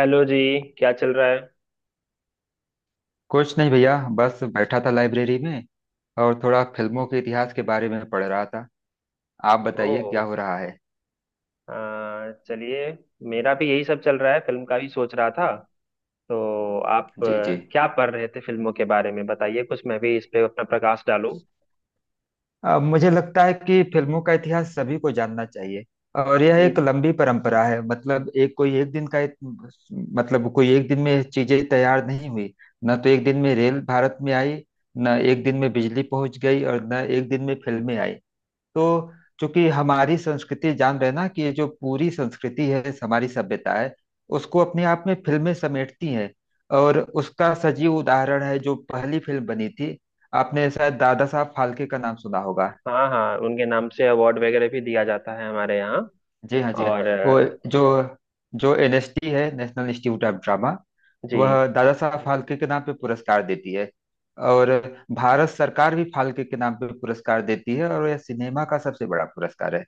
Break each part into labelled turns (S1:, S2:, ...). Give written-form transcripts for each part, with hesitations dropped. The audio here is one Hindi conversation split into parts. S1: हेलो जी। क्या चल रहा है?
S2: कुछ नहीं भैया, बस बैठा था लाइब्रेरी में। और थोड़ा फिल्मों के इतिहास के बारे में पढ़ रहा था। आप
S1: ओ।
S2: बताइए क्या हो रहा है।
S1: चलिए। मेरा भी यही सब चल रहा है, फिल्म का भी सोच रहा था। तो आप
S2: जी जी।
S1: क्या पढ़ रहे थे फिल्मों के बारे में, बताइए कुछ, मैं भी इस पे अपना प्रकाश डालूं।
S2: मुझे लगता है कि फिल्मों का इतिहास सभी को जानना चाहिए। और यह
S1: जी
S2: एक
S1: जी।
S2: लंबी परंपरा है। मतलब एक कोई एक दिन का मतलब कोई एक दिन में चीजें तैयार नहीं हुई। न तो एक दिन में रेल भारत में आई, न एक दिन में बिजली पहुंच गई और न एक दिन में फिल्में आई। तो चूंकि हमारी संस्कृति, जान रहे ना, कि ये जो पूरी संस्कृति है, हमारी सभ्यता है, उसको अपने आप में फिल्में समेटती हैं। और उसका सजीव उदाहरण है जो पहली फिल्म बनी थी। आपने शायद दादा साहब फाल्के का नाम सुना होगा।
S1: हाँ हाँ, उनके नाम से अवार्ड वगैरह भी दिया जाता है हमारे यहाँ।
S2: जी हाँ जी हाँ।
S1: और
S2: वो जो जो एनएसडी है, नेशनल इंस्टीट्यूट ऑफ ड्रामा।
S1: जी।
S2: वह दादा साहब फाल्के के नाम पे पुरस्कार देती है। और भारत सरकार भी फाल्के के नाम पे पुरस्कार देती है, और यह सिनेमा का सबसे बड़ा पुरस्कार है।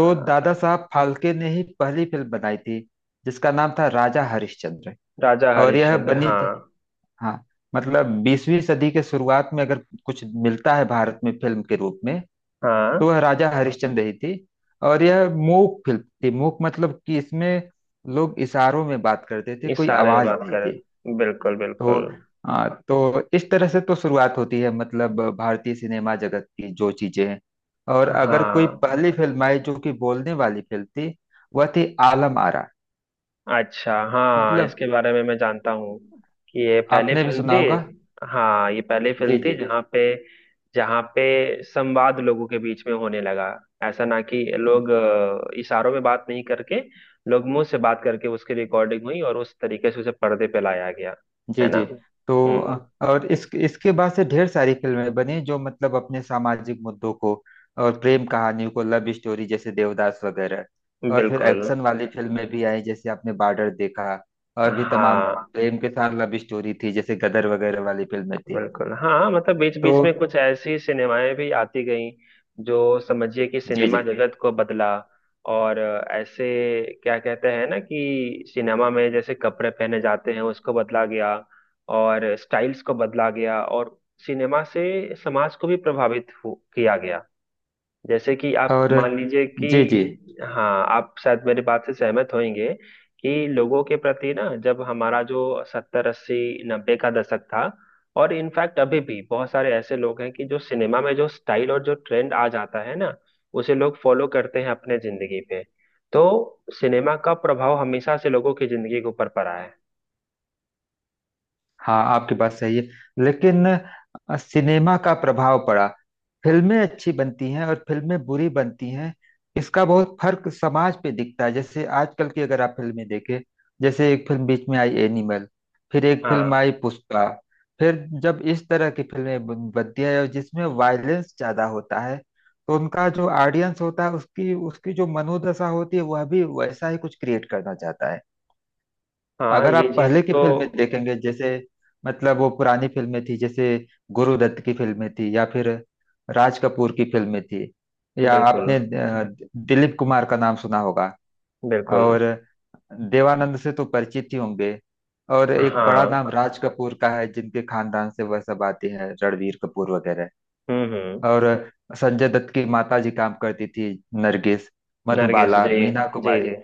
S1: आ,
S2: दादा साहब फाल्के ने ही पहली फिल्म बनाई थी, जिसका नाम था राजा हरिश्चंद्र।
S1: राजा
S2: और यह
S1: हरिश्चंद्र,
S2: बनी थी,
S1: हाँ।
S2: हाँ, मतलब 20वीं सदी के शुरुआत में। अगर कुछ मिलता है भारत में फिल्म के रूप में, तो
S1: हाँ,
S2: वह राजा हरिश्चंद्र ही थी। और यह मूक फिल्म थी। मूक मतलब कि इसमें लोग इशारों में बात करते थे,
S1: इस
S2: कोई
S1: सारे में
S2: आवाज
S1: बात
S2: नहीं थी।
S1: करें, बिल्कुल
S2: तो
S1: बिल्कुल।
S2: तो इस तरह से तो शुरुआत होती है, मतलब भारतीय सिनेमा जगत की जो चीजें हैं। और अगर कोई
S1: हाँ,
S2: पहली फिल्म आई जो कि बोलने वाली फिल्म थी, वह थी आलम आरा।
S1: अच्छा। हाँ, इसके
S2: मतलब
S1: बारे में मैं जानता हूँ कि ये पहली
S2: आपने भी
S1: फिल्म
S2: सुना
S1: थी।
S2: होगा।
S1: हाँ, ये पहली फिल्म
S2: जी
S1: थी जहाँ पे संवाद लोगों के बीच में होने लगा। ऐसा ना कि लोग
S2: जी
S1: इशारों में बात नहीं करके, लोग मुंह से बात करके उसकी रिकॉर्डिंग हुई और उस तरीके से उसे पर्दे पे लाया गया। है
S2: जी
S1: ना?
S2: जी। तो
S1: हम्म।
S2: और इस इसके बाद से ढेर सारी फिल्में बनी, जो मतलब अपने सामाजिक मुद्दों को, और प्रेम कहानियों को, लव स्टोरी, जैसे देवदास वगैरह। और फिर
S1: बिल्कुल,
S2: एक्शन वाली फिल्में भी आई, जैसे आपने बॉर्डर देखा, और भी तमाम।
S1: हाँ।
S2: प्रेम के साथ लव स्टोरी थी, जैसे गदर वगैरह वाली फिल्में थी।
S1: बिल्कुल, हाँ। मतलब बीच
S2: तो
S1: बीच में कुछ ऐसी सिनेमाएं भी आती गईं जो, समझिए कि,
S2: जी जी।
S1: सिनेमा जगत को बदला। और ऐसे क्या कहते हैं ना कि सिनेमा में जैसे कपड़े पहने जाते हैं, उसको बदला गया, और स्टाइल्स को बदला गया, और सिनेमा से समाज को भी प्रभावित किया गया। जैसे कि आप
S2: और
S1: मान लीजिए
S2: जी जी।
S1: कि, हाँ, आप शायद मेरी बात से सहमत होंगे कि लोगों के प्रति ना, जब हमारा जो सत्तर अस्सी नब्बे का दशक था, और इनफैक्ट अभी भी बहुत सारे ऐसे लोग हैं कि जो सिनेमा में जो स्टाइल और जो ट्रेंड आ जाता है ना, उसे लोग फॉलो करते हैं अपने जिंदगी पे। तो सिनेमा का प्रभाव हमेशा से लोगों की जिंदगी के ऊपर पड़ा है।
S2: हाँ, आपकी बात सही है। लेकिन सिनेमा का प्रभाव पड़ा। फिल्में अच्छी बनती हैं और फिल्में बुरी बनती हैं। इसका बहुत फर्क समाज पे दिखता है। जैसे आजकल की अगर आप फिल्में देखें, जैसे एक फिल्म बीच में आई एनिमल, फिर एक फिल्म
S1: हाँ।
S2: आई पुष्पा। फिर जब इस तरह की फिल्में बनती है और जिसमें वायलेंस ज्यादा होता है, तो उनका जो ऑडियंस होता है, उसकी उसकी जो मनोदशा होती है, वह भी वैसा ही कुछ क्रिएट करना चाहता है।
S1: हाँ,
S2: अगर
S1: ये
S2: आप
S1: चीज
S2: पहले की
S1: तो,
S2: फिल्में देखेंगे, जैसे, मतलब वो पुरानी फिल्में थी, जैसे गुरुदत्त की फिल्में थी, या फिर राज कपूर की फिल्में थी। या
S1: बिल्कुल
S2: आपने दिलीप कुमार का नाम सुना होगा।
S1: बिल्कुल।
S2: और देवानंद से तो परिचित ही होंगे। और एक बड़ा नाम
S1: हाँ।
S2: राज कपूर का है, जिनके खानदान से वह सब आते हैं, रणवीर कपूर वगैरह।
S1: हम्म।
S2: और संजय दत्त की माता जी काम करती थी, नरगिस,
S1: नरगिस
S2: मधुबाला,
S1: जी।
S2: मीना
S1: जी
S2: कुमारी।
S1: जी।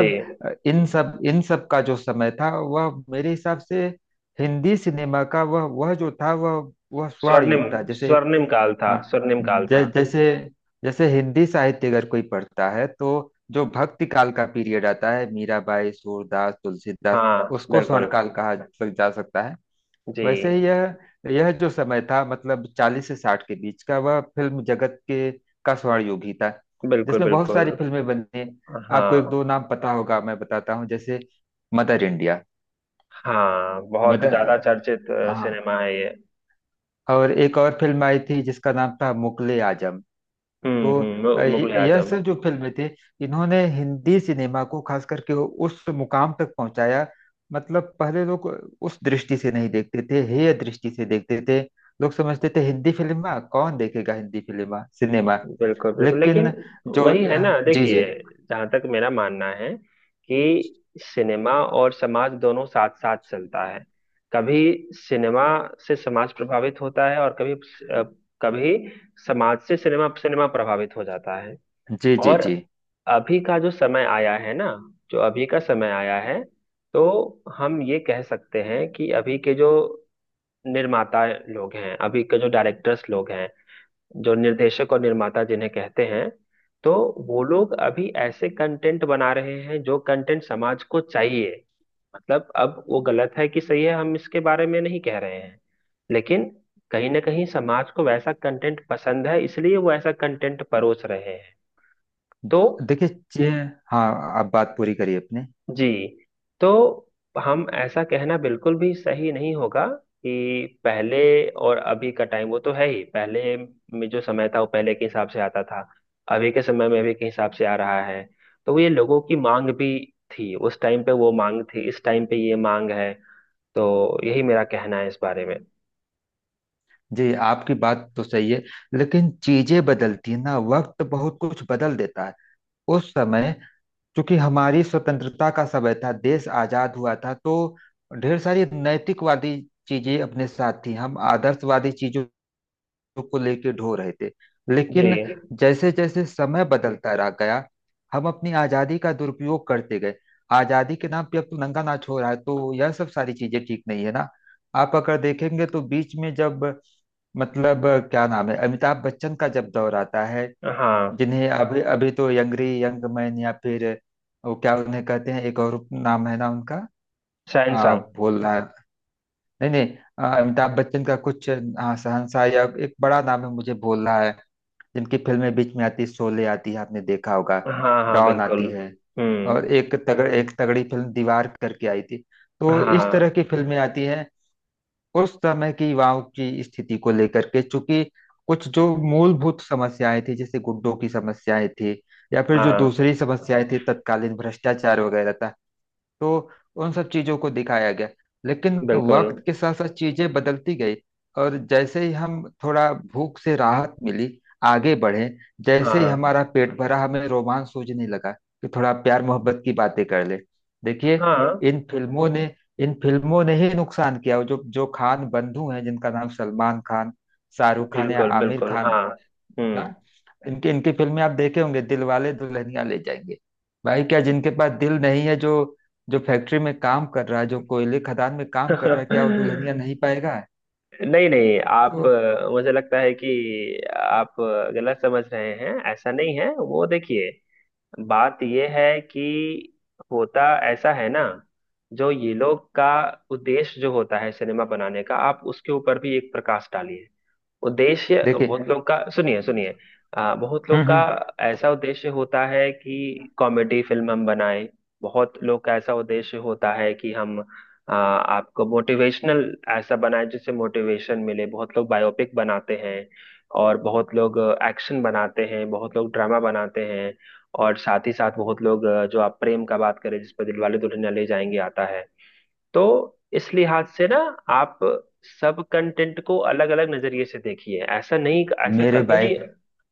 S1: जी।
S2: इन सब का जो समय था, वह मेरे हिसाब से हिंदी सिनेमा का, वह जो था, वह स्वर्ण
S1: स्वर्णिम
S2: युग था। जैसे
S1: स्वर्णिम काल था।
S2: हाँ।
S1: स्वर्णिम काल था।
S2: जैसे जैसे हिंदी साहित्य अगर कोई पढ़ता है, तो जो भक्ति काल का पीरियड आता है, मीराबाई, सूरदास, तुलसीदास,
S1: हाँ,
S2: उसको स्वर्ण
S1: बिल्कुल।
S2: काल कहा जा जा सकता है।
S1: जी।
S2: वैसे ही यह जो समय था, मतलब 40 से 60 के बीच का, वह फिल्म जगत के का स्वर्ण युग ही था,
S1: बिल्कुल
S2: जिसमें बहुत
S1: बिल्कुल।
S2: सारी फिल्में बनी। आपको एक
S1: हाँ
S2: दो नाम पता होगा, मैं बताता हूँ, जैसे मदर इंडिया।
S1: हाँ, बहुत
S2: मदर,
S1: ज्यादा चर्चित
S2: हाँ।
S1: सिनेमा है ये।
S2: और एक और फिल्म आई थी जिसका नाम था मुगले आजम। तो
S1: हम्म। मुगले
S2: यह
S1: आजम।
S2: सब जो फिल्में थी, इन्होंने हिंदी सिनेमा को खास करके उस मुकाम तक पहुंचाया। मतलब पहले लोग उस दृष्टि से नहीं देखते थे, हेय दृष्टि से देखते थे। लोग समझते थे हिंदी फिल्मा कौन देखेगा, हिंदी फिल्मा सिनेमा।
S1: बिल्कुल बिल्कुल,
S2: लेकिन
S1: लेकिन
S2: जो
S1: वही है ना,
S2: जी जी
S1: देखिए, जहां तक मेरा मानना है कि सिनेमा और समाज दोनों साथ साथ चलता है। कभी सिनेमा से समाज प्रभावित होता है, और कभी कभी समाज से सिनेमा सिनेमा प्रभावित हो जाता है।
S2: जी जी
S1: और
S2: जी।
S1: अभी का जो समय आया है ना, जो अभी का समय आया है, तो हम ये कह सकते हैं कि अभी के जो निर्माता लोग हैं, अभी के जो डायरेक्टर्स लोग हैं, जो निर्देशक और निर्माता जिन्हें कहते हैं, तो वो लोग अभी ऐसे कंटेंट बना रहे हैं जो कंटेंट समाज को चाहिए। मतलब अब वो गलत है कि सही है, हम इसके बारे में नहीं कह रहे हैं, लेकिन कहीं ना कहीं समाज को वैसा कंटेंट पसंद है, इसलिए वो ऐसा कंटेंट परोस रहे हैं। तो
S2: देखिए हाँ, आप बात पूरी करिए अपने।
S1: जी, तो हम ऐसा कहना बिल्कुल भी सही नहीं होगा कि पहले और अभी का टाइम, वो तो है ही। पहले में जो समय था वो पहले के हिसाब से आता था, अभी के समय में अभी के हिसाब से आ रहा है। तो ये लोगों की मांग भी थी, उस टाइम पे वो मांग थी, इस टाइम पे ये मांग है। तो यही मेरा कहना है इस बारे में।
S2: जी, आपकी बात तो सही है, लेकिन चीजें बदलती हैं ना, वक्त बहुत कुछ बदल देता है। उस समय, क्योंकि हमारी स्वतंत्रता का समय था, देश आजाद हुआ था, तो ढेर सारी नैतिकवादी चीजें अपने साथ थी। हम आदर्शवादी चीजों को लेके ढो रहे थे। लेकिन
S1: जी।
S2: जैसे जैसे समय बदलता रह गया, हम अपनी आजादी का दुरुपयोग करते गए। आजादी के नाम पे अब तो नंगा नाच हो रहा है, तो यह सब सारी चीजें ठीक नहीं है ना। आप अगर देखेंगे, तो बीच में जब, मतलब क्या नाम है, अमिताभ बच्चन का जब दौर आता है,
S1: हाँ,
S2: जिन्हें अभी अभी तो यंगरी यंग मैन, या फिर वो क्या उन्हें कहते हैं, एक और नाम है ना उनका,
S1: शहंशाह।
S2: भूल रहा है। नहीं नहीं, अमिताभ बच्चन का कुछ, हाँ शहंशाह, या एक बड़ा नाम है, मुझे भूल रहा है। जिनकी फिल्में बीच में आती है, शोले आती है आपने देखा होगा,
S1: हाँ हाँ,
S2: डॉन
S1: बिल्कुल।
S2: आती है,
S1: हम्म।
S2: और एक तगड़ी फिल्म दीवार करके आई थी। तो इस
S1: हाँ
S2: तरह की फिल्में आती हैं उस समय की युवाओं की स्थिति को लेकर के। चूंकि कुछ जो मूलभूत समस्याएं थी, जैसे गुंडों की समस्याएं थी, या फिर जो
S1: हाँ,
S2: दूसरी समस्याएं थी, तत्कालीन भ्रष्टाचार वगैरह था, तो उन सब चीजों को दिखाया गया। लेकिन
S1: बिल्कुल।
S2: वक्त के साथ साथ चीजें बदलती गई। और जैसे ही हम थोड़ा भूख से राहत मिली, आगे बढ़े, जैसे ही
S1: हाँ
S2: हमारा पेट भरा, हमें रोमांच सूझने लगा कि थोड़ा प्यार मोहब्बत की बातें कर ले। देखिए,
S1: हाँ,
S2: इन फिल्मों ने इन फिल्मों ने ही नुकसान किया। जो जो खान बंधु हैं, जिनका नाम सलमान खान, शाहरुख खान या
S1: बिल्कुल
S2: आमिर
S1: बिल्कुल।
S2: खान,
S1: हाँ।
S2: ना,
S1: हम्म।
S2: इनकी इनकी फिल्में आप देखे होंगे, दिल वाले दुल्हनिया ले जाएंगे। भाई, क्या जिनके पास दिल नहीं है, जो जो फैक्ट्री में काम कर रहा है, जो कोयले खदान में काम कर रहा है, क्या वो दुल्हनिया नहीं पाएगा?
S1: नहीं नहीं, आप
S2: तो
S1: मुझे लगता है कि आप गलत समझ रहे हैं, ऐसा नहीं है वो। देखिए, बात ये है कि होता ऐसा है ना, जो ये लोग का उद्देश्य जो होता है सिनेमा बनाने का, आप उसके ऊपर भी एक प्रकाश डालिए। उद्देश्य
S2: देखिए।
S1: बहुत लोग का, सुनिए सुनिए। बहुत लोग का
S2: हम्म।
S1: ऐसा उद्देश्य होता है कि कॉमेडी फिल्म हम बनाएं। बहुत लोग का ऐसा उद्देश्य होता है कि हम आपको मोटिवेशनल ऐसा बनाएं जिससे मोटिवेशन मिले। बहुत लोग बायोपिक बनाते हैं, और बहुत लोग एक्शन बनाते हैं, बहुत लोग ड्रामा बनाते हैं। और साथ ही साथ बहुत लोग जो आप प्रेम का बात करें, जिस पर दिलवाले दुल्हनिया ले जाएंगे आता है। तो इस लिहाज से ना, आप सब कंटेंट को अलग अलग नजरिए से देखिए। ऐसा नहीं, ऐसा
S2: मेरे
S1: कभी
S2: भाई,
S1: नहीं।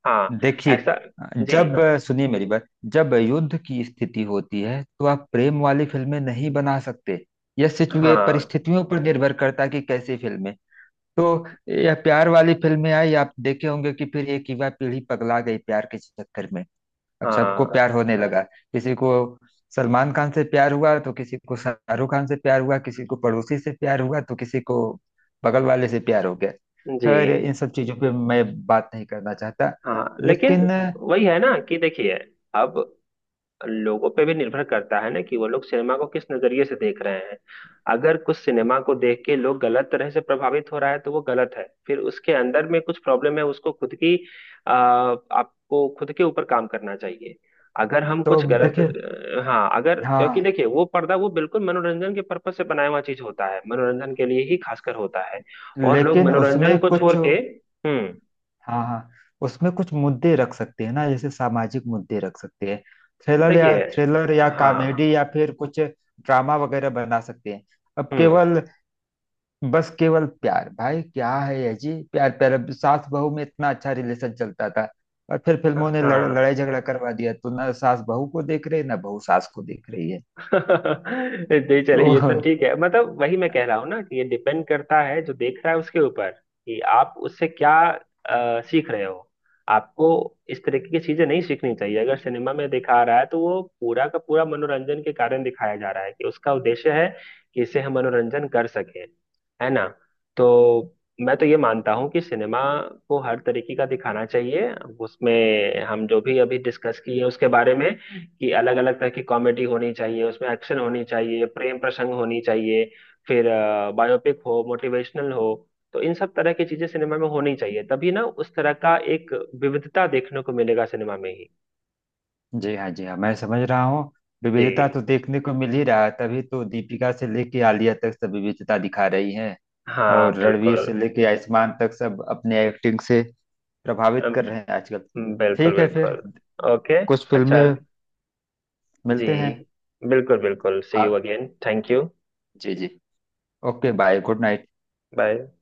S1: हाँ,
S2: देखिए,
S1: ऐसा। जी।
S2: जब, सुनिए मेरी बात, जब युद्ध की स्थिति होती है, तो आप प्रेम वाली फिल्में नहीं बना सकते। यह सिचुए
S1: हाँ
S2: परिस्थितियों पर निर्भर करता है कि कैसी फिल्में। तो यह प्यार वाली फिल्में आई, आप देखे होंगे कि फिर एक युवा पीढ़ी पगला गई प्यार के चक्कर में। अब सबको
S1: हाँ।
S2: प्यार होने लगा। किसी को सलमान खान से प्यार हुआ, तो किसी को शाहरुख खान से प्यार हुआ, किसी को पड़ोसी से प्यार हुआ, तो किसी को बगल वाले से प्यार हो गया।
S1: जी
S2: खैर इन सब चीजों पे मैं बात नहीं करना चाहता।
S1: हाँ, लेकिन
S2: लेकिन
S1: वही है ना कि, देखिए, अब लोगों पे भी निर्भर करता है ना कि वो लोग सिनेमा को किस नजरिए से देख रहे हैं। अगर कुछ सिनेमा को देख के लोग गलत तरह से प्रभावित हो रहा है, तो वो गलत है। फिर उसके अंदर में कुछ प्रॉब्लम है, उसको खुद की, आपको खुद के ऊपर काम करना चाहिए। अगर हम
S2: तो
S1: कुछ गलत
S2: देखिए।
S1: हाँ, अगर क्योंकि,
S2: हाँ।
S1: देखिए, वो पर्दा वो बिल्कुल मनोरंजन के पर्पज से बनाया हुआ चीज होता है, मनोरंजन के लिए ही खासकर होता है। और लोग
S2: लेकिन उसमें
S1: मनोरंजन को
S2: कुछ,
S1: छोड़ के, हम्म,
S2: हाँ हाँ, उसमें कुछ मुद्दे रख सकते हैं ना, जैसे सामाजिक मुद्दे रख सकते हैं।
S1: देखिए।
S2: थ्रिलर या
S1: हाँ।
S2: कॉमेडी, या फिर कुछ ड्रामा वगैरह बना सकते हैं। अब
S1: हम्म।
S2: केवल, बस केवल प्यार, भाई क्या है ये जी, प्यार प्यार। अब सास बहू में इतना अच्छा रिलेशन चलता था, और फिर फिल्मों ने
S1: हाँ।
S2: लड़ाई झगड़ा करवा दिया, तो ना सास बहू को देख रही है, ना बहू सास को देख रही है।
S1: जी,
S2: तो
S1: चले ये तो ठीक है। मतलब वही मैं कह रहा हूँ ना कि ये डिपेंड करता है जो देख रहा है उसके ऊपर, कि आप उससे क्या सीख रहे हो। आपको इस तरीके की चीजें नहीं सीखनी चाहिए। अगर सिनेमा में दिखा रहा है, तो वो पूरा का पूरा मनोरंजन के कारण दिखाया जा रहा है, कि उसका उद्देश्य है कि इससे हम मनोरंजन कर सके। है ना? तो मैं तो ये मानता हूँ कि सिनेमा को हर तरीके का दिखाना चाहिए। उसमें हम जो भी अभी डिस्कस किए उसके बारे में, कि अलग अलग तरह की कॉमेडी होनी चाहिए, उसमें एक्शन होनी चाहिए, प्रेम प्रसंग होनी चाहिए, फिर बायोपिक हो, मोटिवेशनल हो। तो इन सब तरह की चीजें सिनेमा में होनी चाहिए, तभी ना उस तरह का एक विविधता देखने को मिलेगा सिनेमा में ही।
S2: जी हाँ जी हाँ, मैं समझ रहा हूँ। विविधता
S1: जी
S2: तो देखने को मिल ही रहा है, तभी तो दीपिका से लेके आलिया तक सब विविधता दिखा रही हैं।
S1: हाँ,
S2: और
S1: बिल्कुल।
S2: रणवीर से लेके आयुष्मान तक सब अपने एक्टिंग से प्रभावित कर
S1: अम,
S2: रहे हैं आजकल।
S1: बिल्कुल
S2: ठीक है फिर,
S1: बिल्कुल। ओके,
S2: कुछ
S1: अच्छा।
S2: फिल्में
S1: जी,
S2: मिलते हैं।
S1: बिल्कुल बिल्कुल। सी यू
S2: आप,
S1: अगेन, थैंक यू।
S2: जी जी, okay bye, good night.
S1: Bye.